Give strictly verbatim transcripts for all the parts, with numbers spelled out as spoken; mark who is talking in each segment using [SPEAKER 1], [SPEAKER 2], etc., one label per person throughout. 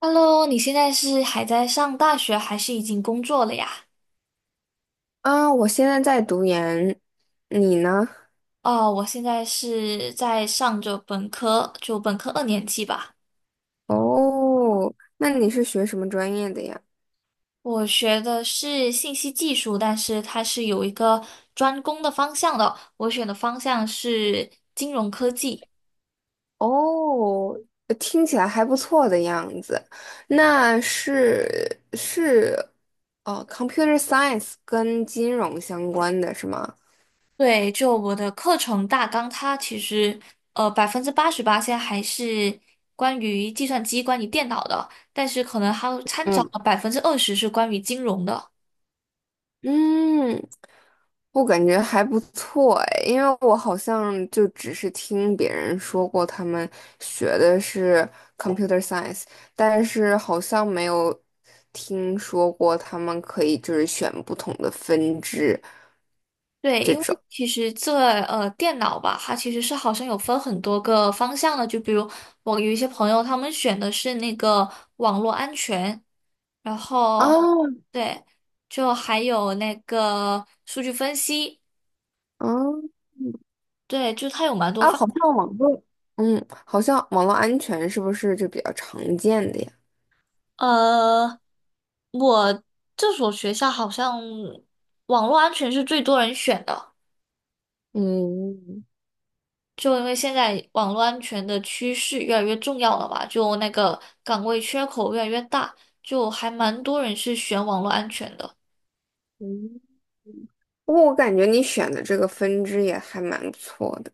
[SPEAKER 1] Hello，你现在是还在上大学，还是已经工作了呀？
[SPEAKER 2] 啊，我现在在读研，你呢？
[SPEAKER 1] 哦，我现在是在上着本科，就本科二年级吧。
[SPEAKER 2] 哦，那你是学什么专业的呀？
[SPEAKER 1] 我学的是信息技术，但是它是有一个专攻的方向的。我选的方向是金融科技。
[SPEAKER 2] 哦，呃听起来还不错的样子。那是是哦，computer science 跟金融相关的是吗？
[SPEAKER 1] 对，就我的课程大纲，它其实呃百分之八十八现在还是关于计算机、关于电脑的，但是可能还有掺杂
[SPEAKER 2] 嗯。
[SPEAKER 1] 了百分之二十是关于金融的。
[SPEAKER 2] 嗯，我感觉还不错哎，因为我好像就只是听别人说过他们学的是 computer science，但是好像没有听说过他们可以就是选不同的分支
[SPEAKER 1] 对，
[SPEAKER 2] 这
[SPEAKER 1] 因
[SPEAKER 2] 种。
[SPEAKER 1] 为其实这呃电脑吧，它其实是好像有分很多个方向的，就比如我有一些朋友，他们选的是那个网络安全，然后
[SPEAKER 2] 啊
[SPEAKER 1] 对，就还有那个数据分析，
[SPEAKER 2] 啊
[SPEAKER 1] 对，就它有蛮多
[SPEAKER 2] 啊，
[SPEAKER 1] 方。
[SPEAKER 2] 好像网络，嗯，好像网络安全是不是就比较常见的呀？
[SPEAKER 1] 呃，我这所学校好像网络安全是最多人选的。
[SPEAKER 2] 嗯
[SPEAKER 1] 就因为现在网络安全的趋势越来越重要了吧，就那个岗位缺口越来越大，就还蛮多人是选网络安全的。
[SPEAKER 2] 嗯，不过我感觉你选的这个分支也还蛮不错的。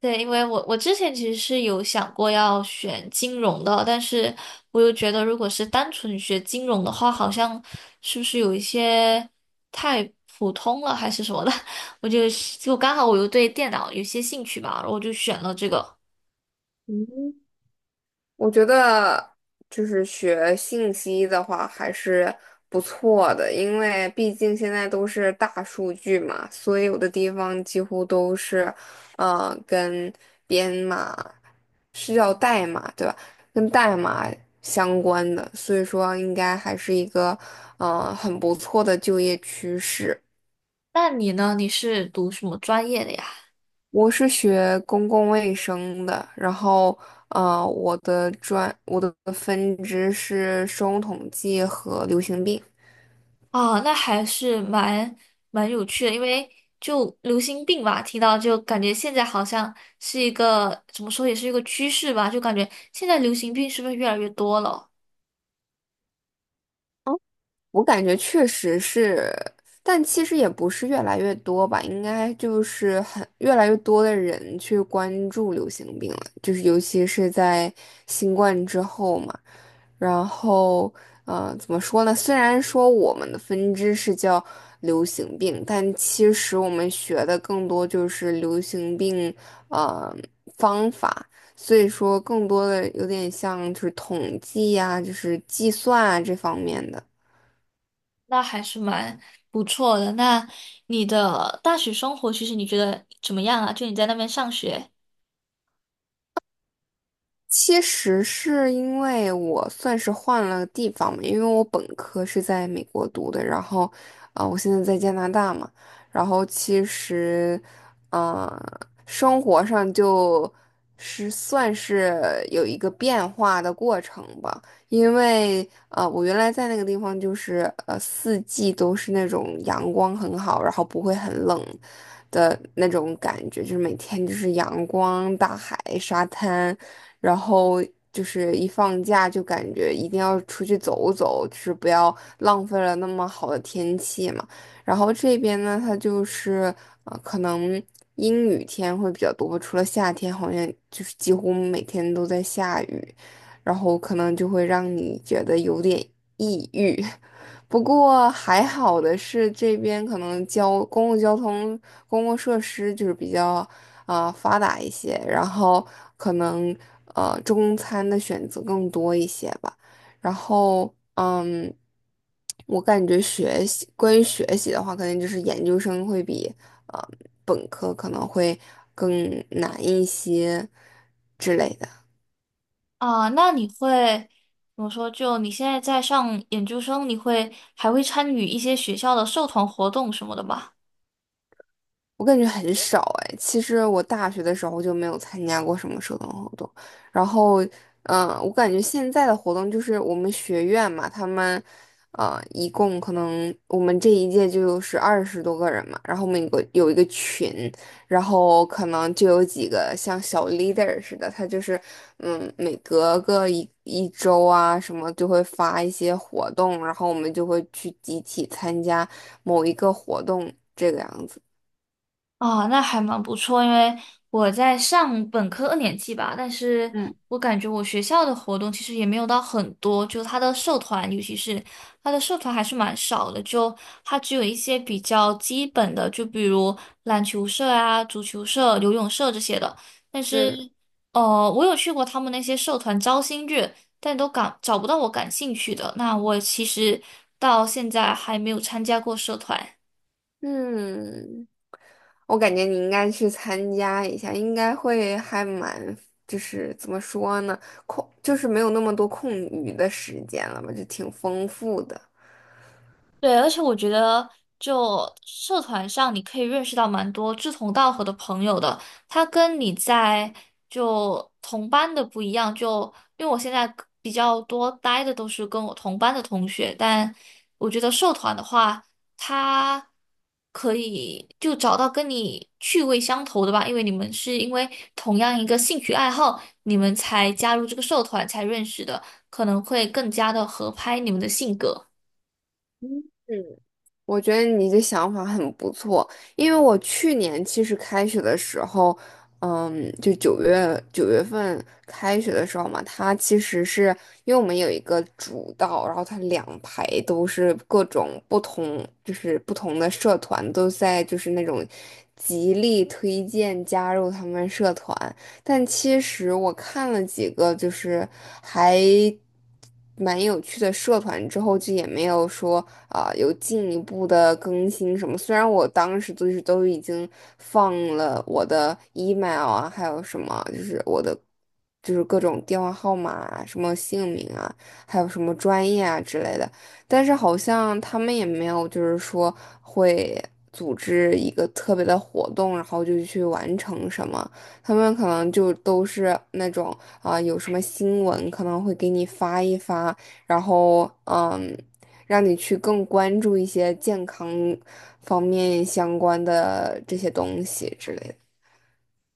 [SPEAKER 1] 对，因为我我之前其实是有想过要选金融的，但是我又觉得如果是单纯学金融的话，好像是不是有一些太普通了还是什么的，我就就刚好我又对电脑有些兴趣吧，然后我就选了这个。
[SPEAKER 2] 嗯，我觉得就是学信息的话还是不错的，因为毕竟现在都是大数据嘛，所有的地方几乎都是，呃，跟编码是叫代码对吧？跟代码相关的，所以说应该还是一个，呃，很不错的就业趋势。
[SPEAKER 1] 那你呢？你是读什么专业的呀？
[SPEAKER 2] 我是学公共卫生的，然后，呃，我的专我的分支是生物统计和流行病。
[SPEAKER 1] 啊，那还是蛮蛮有趣的，因为就流行病吧，听到就感觉现在好像是一个怎么说，也是一个趋势吧，就感觉现在流行病是不是越来越多了？
[SPEAKER 2] 我感觉确实是，但其实也不是越来越多吧，应该就是很越来越多的人去关注流行病了，就是尤其是在新冠之后嘛。然后，呃，怎么说呢？虽然说我们的分支是叫流行病，但其实我们学的更多就是流行病，呃，方法。所以说，更多的有点像就是统计呀、就是计算啊这方面的。
[SPEAKER 1] 那还是蛮不错的。那你的大学生活，其实你觉得怎么样啊？就你在那边上学
[SPEAKER 2] 其实是因为我算是换了地方嘛，因为我本科是在美国读的，然后，啊、我现在在加拿大嘛，然后其实，啊，生活上就是算是有一个变化的过程吧，因为，呃，我原来在那个地方就是，呃，四季都是那种阳光很好，然后不会很冷的那种感觉，就是每天就是阳光、大海、沙滩。然后就是一放假就感觉一定要出去走走，就是不要浪费了那么好的天气嘛。然后这边呢，它就是呃，可能阴雨天会比较多，除了夏天，好像就是几乎每天都在下雨，然后可能就会让你觉得有点抑郁。不过还好的是，这边可能交公共交通、公共设施就是比较啊、呃发达一些，然后可能呃中餐的选择更多一些吧。然后嗯，我感觉学习关于学习的话，肯定就是研究生会比呃本科可能会更难一些之类的。
[SPEAKER 1] 啊，那你会怎么说？就你现在在上研究生，你会还会参与一些学校的社团活动什么的吗？
[SPEAKER 2] 我感觉很少哎。其实我大学的时候就没有参加过什么社团活动，然后，嗯、我感觉现在的活动就是我们学院嘛，他们，呃，一共可能我们这一届就是二十多个人嘛，然后我们有个有一个群，然后可能就有几个像小 leader 似的，他就是，嗯，每隔个一一周啊什么就会发一些活动，然后我们就会去集体参加某一个活动这个样子。
[SPEAKER 1] 哦，那还蛮不错，因为我在上本科二年级吧，但是
[SPEAKER 2] 嗯。
[SPEAKER 1] 我感觉我学校的活动其实也没有到很多，就他的社团，尤其是他的社团还是蛮少的，就他只有一些比较基本的，就比如篮球社啊、足球社、游泳社这些的。但是，
[SPEAKER 2] 嗯
[SPEAKER 1] 呃，我有去过他们那些社团招新日，但都感找不到我感兴趣的。那我其实到现在还没有参加过社团。
[SPEAKER 2] 嗯，我感觉你应该去参加一下，应该会还蛮，就是怎么说呢，空，就是没有那么多空余的时间了吧，就挺丰富的。
[SPEAKER 1] 对，而且我觉得，就社团上，你可以认识到蛮多志同道合的朋友的。他跟你在就同班的不一样，就因为我现在比较多待的都是跟我同班的同学，但我觉得社团的话，他可以就找到跟你趣味相投的吧，因为你们是因为同样一个兴趣爱好，你们才加入这个社团才认识的，可能会更加的合拍你们的性格。
[SPEAKER 2] 嗯。我觉得你的想法很不错，因为我去年其实开学的时候，嗯，就九月九月份开学的时候嘛，它其实是因为我们有一个主道，然后它两排都是各种不同，就是不同的社团都在就是那种极力推荐加入他们社团，但其实我看了几个，就是还蛮有趣的社团之后，就也没有说啊、有进一步的更新什么。虽然我当时就是都已经放了我的 email 啊，还有什么就是我的就是各种电话号码啊、什么姓名啊，还有什么专业啊之类的，但是好像他们也没有就是说会。组织一个特别的活动，然后就去完成什么。他们可能就都是那种啊、有什么新闻可能会给你发一发，然后嗯，让你去更关注一些健康方面相关的这些东西之类的。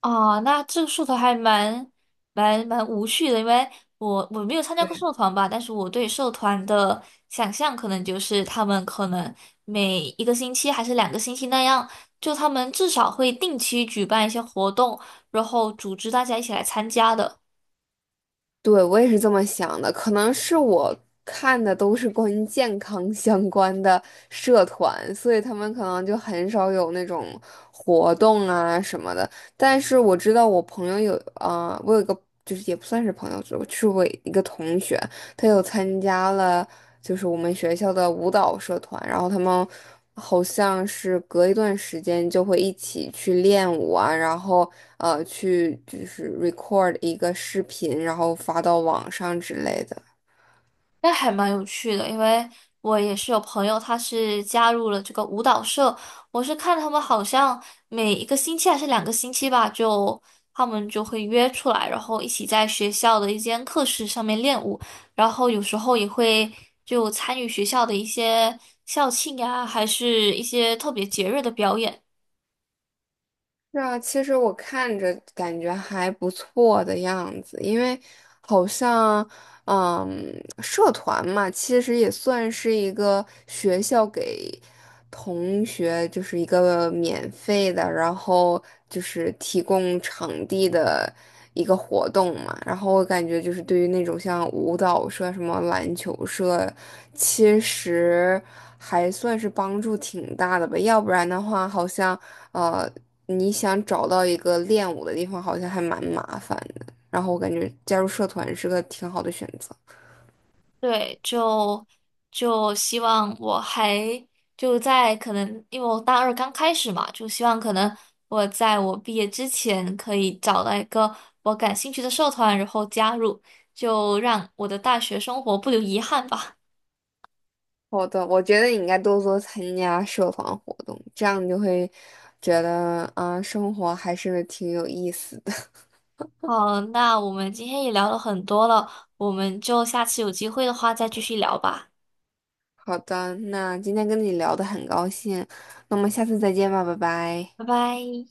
[SPEAKER 1] 哦，那这个社团还蛮蛮蛮无趣的，因为我我没有参加过社团吧，但是我对社团的想象可能就是他们可能每一个星期还是两个星期那样，就他们至少会定期举办一些活动，然后组织大家一起来参加的。
[SPEAKER 2] 对，我也是这么想的，可能是我看的都是关于健康相关的社团，所以他们可能就很少有那种活动啊什么的。但是我知道我朋友有，啊、我有一个就是也不算是朋友，就是我一个同学，他又参加了就是我们学校的舞蹈社团，然后他们好像是隔一段时间就会一起去练舞啊，然后呃去就是 record 一个视频，然后发到网上之类的。
[SPEAKER 1] 那还蛮有趣的，因为我也是有朋友，他是加入了这个舞蹈社。我是看他们好像每一个星期还是两个星期吧，就他们就会约出来，然后一起在学校的一间课室上面练舞，然后有时候也会就参与学校的一些校庆呀，还是一些特别节日的表演。
[SPEAKER 2] 是啊，其实我看着感觉还不错的样子，因为好像，嗯。社团嘛，其实也算是一个学校给同学，就是一个免费的，然后就是提供场地的一个活动嘛。然后我感觉就是对于那种像舞蹈社、什么篮球社，其实还算是帮助挺大的吧。要不然的话，好像呃，你想找到一个练舞的地方，好像还蛮麻烦的。然后我感觉加入社团是个挺好的选择。
[SPEAKER 1] 对，就就希望我还就在可能，因为我大二刚开始嘛，就希望可能我在我毕业之前可以找到一个我感兴趣的社团，然后加入，就让我的大学生活不留遗憾吧。
[SPEAKER 2] 好的，我觉得你应该多多参加社团活动，这样你就会觉得，啊，生活还是挺有意思的。
[SPEAKER 1] 好，那我们今天也聊了很多了，我们就下次有机会的话再继续聊吧，
[SPEAKER 2] 好的，那今天跟你聊的很高兴，那我们下次再见吧，拜拜。
[SPEAKER 1] 拜拜。